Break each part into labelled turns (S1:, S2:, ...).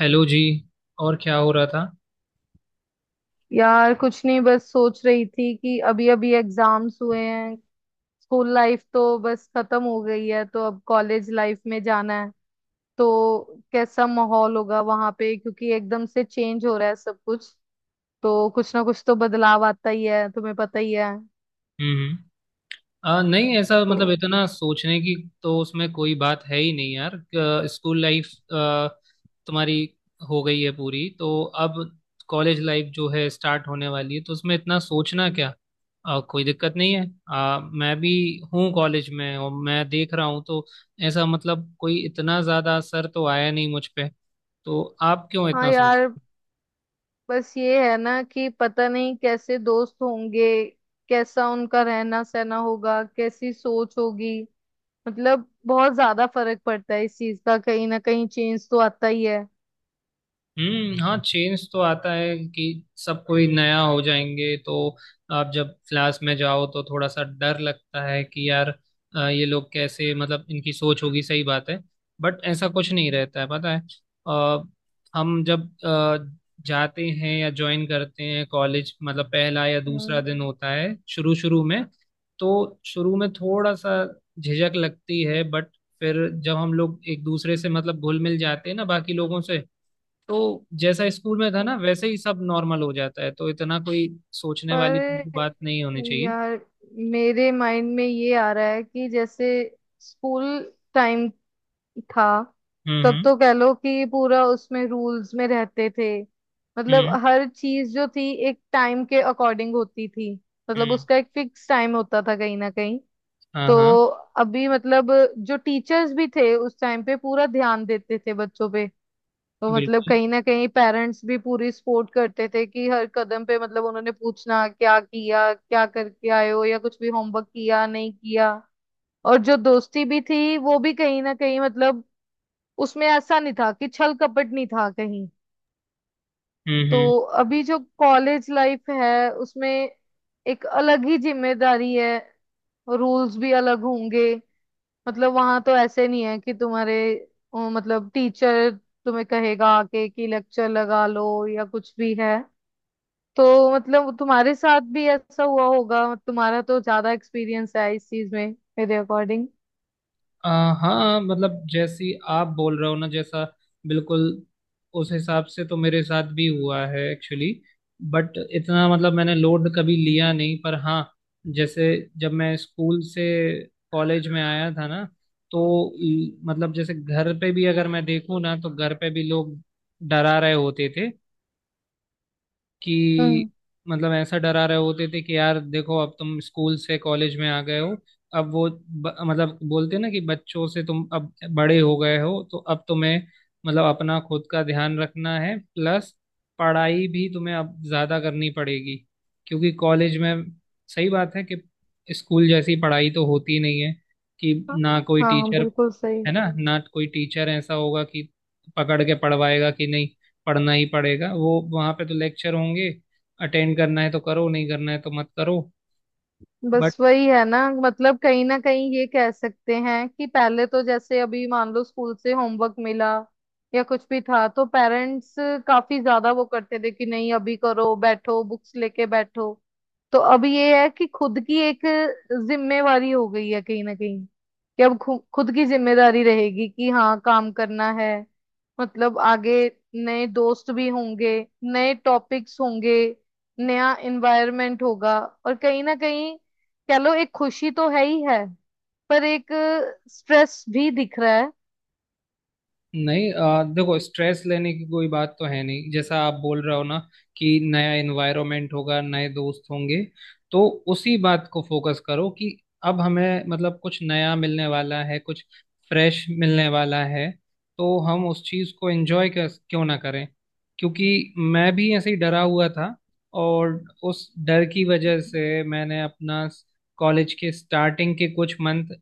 S1: Hello ji. और क्या हो रहा था।
S2: यार कुछ नहीं, बस सोच रही थी कि अभी अभी एग्जाम्स हुए हैं। स्कूल लाइफ तो बस खत्म हो गई है, तो अब कॉलेज लाइफ में जाना है। तो कैसा माहौल होगा वहां पे, क्योंकि एकदम से चेंज हो रहा है सब कुछ। तो कुछ ना कुछ तो बदलाव आता ही है, तुम्हें पता ही है।
S1: हम्म। नहीं ऐसा
S2: तो
S1: मतलब इतना सोचने की तो उसमें कोई बात है ही नहीं यार। स्कूल लाइफ अ, तुम्हारी हो गई है पूरी, तो अब कॉलेज लाइफ जो है स्टार्ट होने वाली है, तो उसमें इतना सोचना क्या। कोई दिक्कत नहीं है। मैं भी हूँ कॉलेज में, और मैं देख रहा हूँ तो ऐसा मतलब कोई इतना ज़्यादा असर तो आया नहीं मुझ पे। तो आप क्यों
S2: हाँ
S1: इतना
S2: यार,
S1: सोच।
S2: बस ये है ना कि पता नहीं कैसे दोस्त होंगे, कैसा उनका रहना सहना होगा, कैसी सोच होगी। मतलब बहुत ज्यादा फर्क पड़ता है इस चीज का, कहीं ना कहीं चेंज तो आता ही है।
S1: हम्म, हाँ चेंज तो आता है कि सब कोई नया हो जाएंगे, तो आप जब क्लास में जाओ तो थोड़ा सा डर लगता है कि यार ये लोग कैसे, मतलब इनकी सोच होगी, सही बात है। बट ऐसा कुछ नहीं रहता है, पता है। अ, हम जब जाते हैं या ज्वाइन करते हैं कॉलेज, मतलब पहला या दूसरा
S2: हम्म।
S1: दिन होता है शुरू शुरू में, तो शुरू में थोड़ा सा झिझक लगती है, बट फिर जब हम लोग एक दूसरे से मतलब घुल मिल जाते हैं ना बाकी लोगों से, तो जैसा स्कूल में था ना
S2: हाँ।
S1: वैसे ही सब नॉर्मल हो जाता है, तो इतना कोई सोचने वाली
S2: पर
S1: बात नहीं होनी चाहिए।
S2: यार, मेरे माइंड में ये आ रहा है कि जैसे स्कूल टाइम था,
S1: हम्म
S2: तब
S1: हम्म
S2: तो कह लो कि पूरा उसमें रूल्स में रहते थे। मतलब
S1: हम्म
S2: हर चीज जो थी एक टाइम के अकॉर्डिंग होती थी। मतलब
S1: हम्म,
S2: उसका एक फिक्स टाइम होता था कहीं ना कहीं।
S1: हाँ
S2: तो
S1: हाँ,
S2: अभी मतलब जो टीचर्स भी थे उस टाइम पे पूरा ध्यान देते थे बच्चों पे। तो मतलब
S1: बिल्कुल।
S2: कहीं ना कहीं पेरेंट्स भी पूरी सपोर्ट करते थे कि हर कदम पे, मतलब उन्होंने पूछना क्या किया, क्या करके आए हो, या कुछ भी होमवर्क किया नहीं किया। और जो दोस्ती भी थी वो भी कहीं ना कहीं, मतलब उसमें ऐसा नहीं था कि छल कपट नहीं था कहीं।
S1: हम्म।
S2: तो अभी जो कॉलेज लाइफ है उसमें एक अलग ही जिम्मेदारी है। रूल्स भी अलग होंगे। मतलब वहां तो ऐसे नहीं है कि तुम्हारे मतलब टीचर तुम्हें कहेगा आके कि लेक्चर लगा लो या कुछ भी है। तो मतलब तुम्हारे साथ भी ऐसा हुआ होगा, तुम्हारा तो ज्यादा एक्सपीरियंस है इस चीज में, मेरे अकॉर्डिंग।
S1: हाँ मतलब जैसी आप बोल रहे हो ना, जैसा, बिल्कुल उस हिसाब से तो मेरे साथ भी हुआ है एक्चुअली। बट इतना मतलब मैंने लोड कभी लिया नहीं, पर हाँ, जैसे जब मैं स्कूल से कॉलेज में आया था ना, तो मतलब जैसे घर पे भी अगर मैं देखूँ ना, तो घर पे भी लोग डरा रहे होते थे कि,
S2: हम्म।
S1: मतलब ऐसा डरा रहे होते थे कि यार देखो अब तुम स्कूल से कॉलेज में आ गए हो, अब मतलब बोलते ना कि बच्चों से तुम अब बड़े हो गए हो, तो अब तुम्हें मतलब अपना खुद का ध्यान रखना है, प्लस पढ़ाई भी तुम्हें अब ज्यादा करनी पड़ेगी क्योंकि कॉलेज में सही बात है कि स्कूल जैसी पढ़ाई तो होती नहीं है कि
S2: हाँ
S1: ना कोई
S2: हाँ,
S1: टीचर
S2: बिल्कुल सही।
S1: है ना, ना कोई टीचर ऐसा होगा कि पकड़ के पढ़वाएगा कि नहीं पढ़ना ही पड़ेगा, वो वहां पे तो लेक्चर होंगे, अटेंड करना है तो करो, नहीं करना है तो मत करो। बट
S2: बस वही है ना, मतलब कहीं ना कहीं ये कह सकते हैं कि पहले तो जैसे अभी मान लो स्कूल से होमवर्क मिला या कुछ भी था, तो पेरेंट्स काफी ज्यादा वो करते थे कि नहीं अभी करो, बैठो बुक्स लेके बैठो। तो अब ये है कि खुद की एक जिम्मेवारी हो गई है कहीं ना कहीं कि अब खुद की जिम्मेदारी रहेगी कि हाँ काम करना है। मतलब आगे नए दोस्त भी होंगे, नए टॉपिक्स होंगे, नया एनवायरनमेंट होगा। और कहीं ना कहीं कह लो एक खुशी तो है ही है, पर एक स्ट्रेस भी दिख रहा है।
S1: नहीं देखो स्ट्रेस लेने की कोई बात तो है नहीं। जैसा आप बोल रहे हो ना कि नया एनवायरनमेंट होगा, नए दोस्त होंगे, तो उसी बात को फोकस करो कि अब हमें मतलब कुछ नया मिलने वाला है, कुछ फ्रेश मिलने वाला है, तो हम उस चीज़ को एंजॉय कर क्यों ना करें। क्योंकि मैं भी ऐसे ही डरा हुआ था, और उस डर की वजह से मैंने अपना कॉलेज के स्टार्टिंग के कुछ मंथ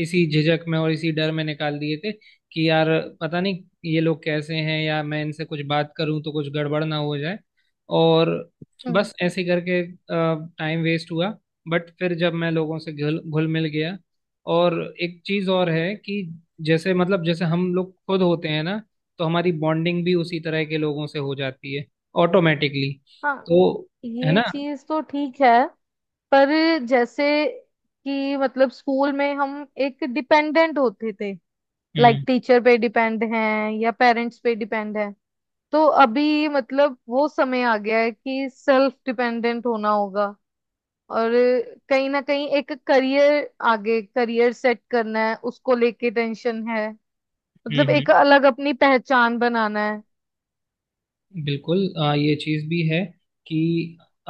S1: इसी झिझक में और इसी डर में निकाल दिए थे कि यार पता नहीं ये लोग कैसे हैं, या मैं इनसे कुछ बात करूं तो कुछ गड़बड़ ना हो जाए। और
S2: हम्म।
S1: बस ऐसे ही करके टाइम वेस्ट हुआ। बट फिर जब मैं लोगों से घुल घुल मिल गया, और एक चीज और है कि जैसे मतलब जैसे हम लोग खुद होते हैं ना, तो हमारी बॉन्डिंग भी उसी तरह के लोगों से हो जाती है ऑटोमेटिकली।
S2: हाँ,
S1: तो है
S2: ये
S1: ना।
S2: चीज तो ठीक है। पर जैसे कि मतलब स्कूल में हम एक डिपेंडेंट होते थे, लाइक
S1: हम्म
S2: टीचर पे डिपेंड हैं या पेरेंट्स पे डिपेंड हैं। तो अभी मतलब वो समय आ गया है कि सेल्फ डिपेंडेंट होना होगा। और कहीं ना कहीं एक करियर, आगे करियर सेट करना है उसको लेके टेंशन है। मतलब
S1: हम्म
S2: एक अलग अपनी पहचान बनाना है।
S1: बिल्कुल ये चीज भी है कि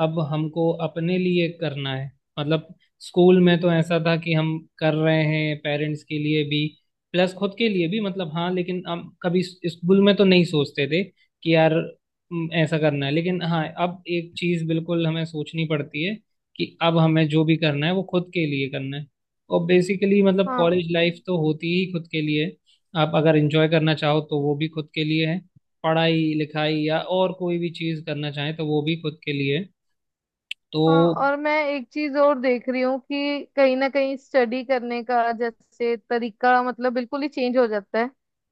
S1: अब हमको अपने लिए करना है। मतलब स्कूल में तो ऐसा था कि हम कर रहे हैं पेरेंट्स के लिए भी, प्लस खुद के लिए भी, मतलब हाँ लेकिन हम कभी स्कूल में तो नहीं सोचते थे कि यार ऐसा करना है, लेकिन हाँ अब एक चीज बिल्कुल हमें सोचनी पड़ती है कि अब हमें जो भी करना है वो खुद के लिए करना है। और बेसिकली मतलब
S2: हाँ।
S1: कॉलेज लाइफ तो होती ही खुद के लिए, आप अगर एंजॉय करना चाहो तो वो भी खुद के लिए है, पढ़ाई लिखाई या और कोई भी चीज़ करना चाहें तो वो भी खुद के लिए। तो
S2: हाँ, और मैं एक चीज और देख रही हूँ कि कहीं ना कहीं स्टडी करने का जैसे तरीका मतलब बिल्कुल ही चेंज हो जाता है।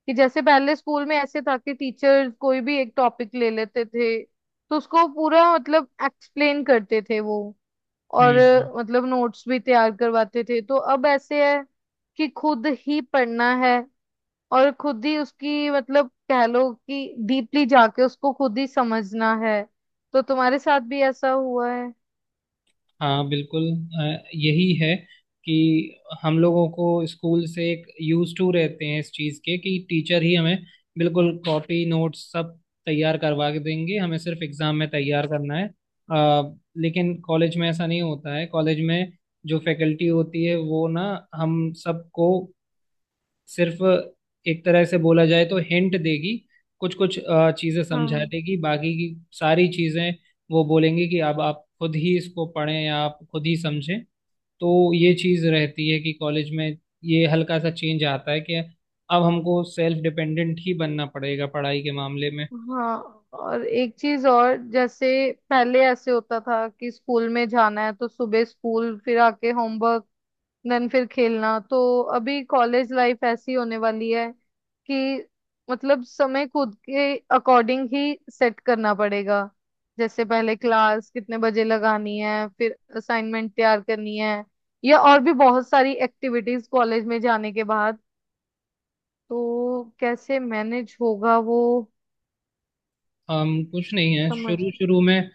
S2: कि जैसे पहले स्कूल में ऐसे था कि टीचर कोई भी एक टॉपिक ले लेते थे तो उसको पूरा मतलब एक्सप्लेन करते थे वो। और
S1: हम्म हम्म,
S2: मतलब नोट्स भी तैयार करवाते थे। तो अब ऐसे है कि खुद ही पढ़ना है और खुद ही उसकी मतलब कह लो कि डीपली जाके उसको खुद ही समझना है। तो तुम्हारे साथ भी ऐसा हुआ है।
S1: हाँ बिल्कुल। यही है कि हम लोगों को स्कूल से एक यूज टू रहते हैं इस चीज़ के कि टीचर ही हमें बिल्कुल कॉपी नोट्स सब तैयार करवा के देंगे, हमें सिर्फ एग्जाम में तैयार करना है। लेकिन कॉलेज में ऐसा नहीं होता है। कॉलेज में जो फैकल्टी होती है वो ना हम सबको सिर्फ एक तरह से बोला जाए तो हिंट देगी, कुछ कुछ चीजें समझा
S2: हाँ।
S1: देगी, बाकी की सारी चीजें वो बोलेंगे कि अब आप खुद ही इसको पढ़ें या आप खुद ही समझें। तो ये चीज रहती है कि कॉलेज में ये हल्का सा चेंज आता है कि अब हमको सेल्फ डिपेंडेंट ही बनना पड़ेगा पढ़ाई के मामले में।
S2: हाँ, और एक चीज और, जैसे पहले ऐसे होता था कि स्कूल में जाना है तो सुबह स्कूल, फिर आके होमवर्क, देन फिर खेलना। तो अभी कॉलेज लाइफ ऐसी होने वाली है कि मतलब समय खुद के अकॉर्डिंग ही सेट करना पड़ेगा। जैसे पहले क्लास कितने बजे लगानी है, फिर असाइनमेंट तैयार करनी है, या और भी बहुत सारी एक्टिविटीज कॉलेज में जाने के बाद। तो कैसे मैनेज होगा वो,
S1: हम कुछ नहीं है,
S2: समझ।
S1: शुरू शुरू में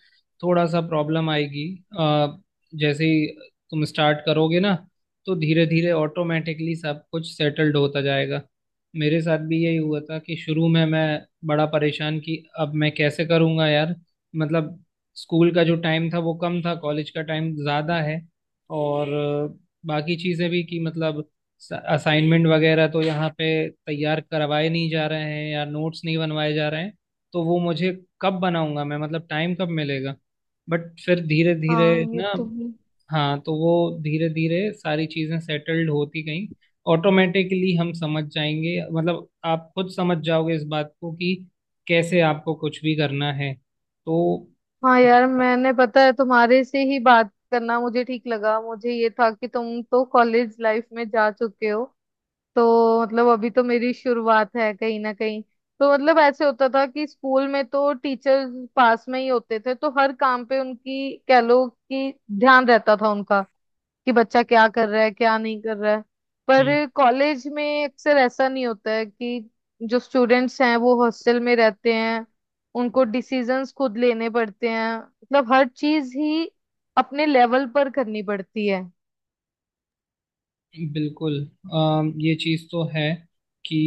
S1: थोड़ा सा प्रॉब्लम आएगी। अ, जैसे ही तुम स्टार्ट करोगे ना, तो धीरे धीरे ऑटोमेटिकली सब कुछ सेटल्ड होता जाएगा। मेरे साथ भी यही हुआ था कि शुरू में मैं बड़ा परेशान कि अब मैं कैसे करूँगा यार, मतलब स्कूल का जो टाइम था वो कम था, कॉलेज का टाइम ज़्यादा है। और बाकी चीज़ें भी कि मतलब असाइनमेंट वगैरह तो यहाँ पे तैयार करवाए नहीं जा रहे हैं, या नोट्स नहीं बनवाए जा रहे हैं, तो वो मुझे कब बनाऊंगा मैं, मतलब टाइम कब मिलेगा। बट फिर धीरे धीरे
S2: हाँ, ये
S1: ना,
S2: तो है।
S1: हाँ तो वो धीरे धीरे सारी चीजें सेटल्ड होती गई। ऑटोमेटिकली हम समझ जाएंगे, मतलब आप खुद समझ जाओगे इस बात को कि कैसे आपको कुछ भी करना है। तो
S2: हाँ यार, मैंने, पता है, तुम्हारे से ही बात करना मुझे ठीक लगा। मुझे ये था कि तुम तो कॉलेज लाइफ में जा चुके हो, तो मतलब अभी तो मेरी शुरुआत है कहीं ना कहीं। तो मतलब ऐसे होता था कि स्कूल में तो टीचर्स पास में ही होते थे, तो हर काम पे उनकी कह लो कि ध्यान रहता था उनका कि बच्चा क्या कर रहा है क्या नहीं कर रहा है।
S1: हम्म,
S2: पर कॉलेज में अक्सर ऐसा नहीं होता है कि, जो स्टूडेंट्स हैं वो हॉस्टल में रहते हैं, उनको डिसीजंस खुद लेने पड़ते हैं, मतलब हर चीज ही अपने लेवल पर करनी पड़ती है।
S1: बिल्कुल। ये चीज तो है कि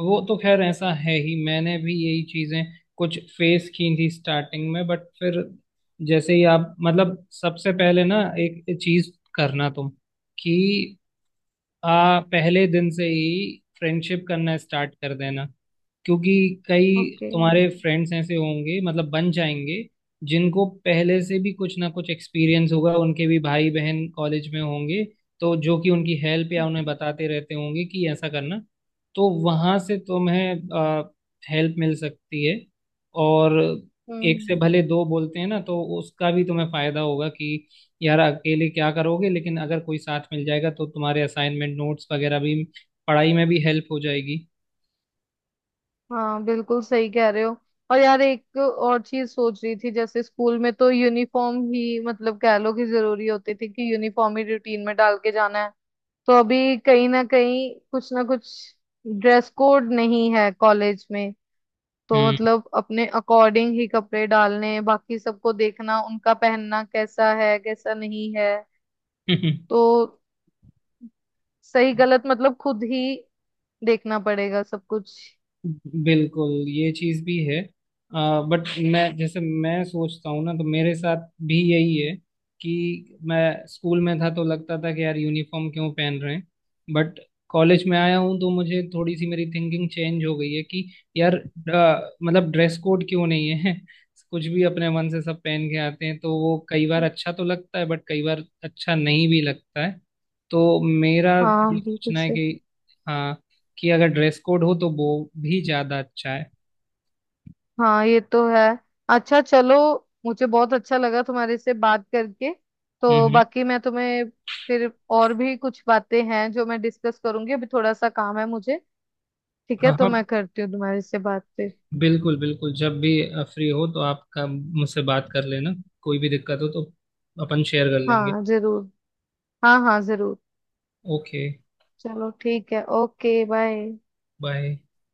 S1: वो तो खैर ऐसा है ही। मैंने भी यही चीजें कुछ फेस की थी स्टार्टिंग में, बट फिर जैसे ही आप मतलब, सबसे पहले ना एक चीज करना तुम कि आ पहले दिन से ही फ्रेंडशिप करना स्टार्ट कर देना। क्योंकि कई
S2: ओके।
S1: तुम्हारे फ्रेंड्स ऐसे होंगे, मतलब बन जाएंगे, जिनको पहले से भी कुछ ना कुछ एक्सपीरियंस होगा, उनके भी भाई बहन कॉलेज में होंगे, तो जो कि उनकी हेल्प या उन्हें बताते रहते होंगे कि ऐसा करना, तो वहां से तुम्हें हेल्प मिल सकती है। और एक से
S2: हम्म।
S1: भले दो बोलते हैं ना, तो उसका भी तुम्हें फायदा होगा कि यार अकेले क्या करोगे, लेकिन अगर कोई साथ मिल जाएगा तो तुम्हारे असाइनमेंट नोट्स वगैरह भी, पढ़ाई में भी हेल्प हो जाएगी।
S2: हाँ, बिल्कुल सही कह रहे हो। और यार एक और चीज सोच रही थी, जैसे स्कूल में तो यूनिफॉर्म ही मतलब कह लो कि जरूरी होती थी, कि यूनिफॉर्म ही रूटीन में डाल के जाना है। तो अभी कहीं ना कहीं कुछ ना कुछ, ड्रेस कोड नहीं है कॉलेज में, तो मतलब अपने अकॉर्डिंग ही कपड़े डालने, बाकी सबको देखना उनका पहनना कैसा है कैसा नहीं है।
S1: हम्म।
S2: तो सही गलत मतलब खुद ही देखना पड़ेगा सब कुछ।
S1: बिल्कुल, ये चीज भी है। बट मैं, जैसे मैं सोचता हूँ ना, तो मेरे साथ भी यही है कि मैं स्कूल में था तो लगता था कि यार यूनिफॉर्म क्यों पहन रहे हैं, बट कॉलेज में आया हूँ तो मुझे थोड़ी सी मेरी थिंकिंग चेंज हो गई है कि यार मतलब ड्रेस कोड क्यों नहीं है। कुछ भी अपने मन से सब पहन के आते हैं, तो वो कई बार अच्छा तो लगता है, बट कई बार अच्छा नहीं भी लगता है। तो मेरा ये
S2: हाँ, बिल्कुल
S1: सोचना है
S2: सही।
S1: कि हाँ, कि अगर ड्रेस कोड हो तो वो भी ज्यादा अच्छा है।
S2: हाँ, ये तो है। अच्छा, चलो, मुझे बहुत अच्छा लगा तुम्हारे से बात करके।
S1: हम्म
S2: तो
S1: हम्म।
S2: बाकी मैं तुम्हें फिर, और भी कुछ बातें हैं जो मैं डिस्कस करूंगी, अभी थोड़ा सा काम है मुझे। ठीक है,
S1: हाँ
S2: तो
S1: हाँ,
S2: मैं करती हूँ तुम्हारे से बात फिर।
S1: बिल्कुल बिल्कुल। जब भी फ्री हो तो आप मुझसे बात कर लेना, कोई भी दिक्कत हो तो अपन शेयर कर लेंगे।
S2: हाँ जरूर। हाँ हाँ जरूर।
S1: ओके,
S2: चलो ठीक है, ओके बाय।
S1: बाय।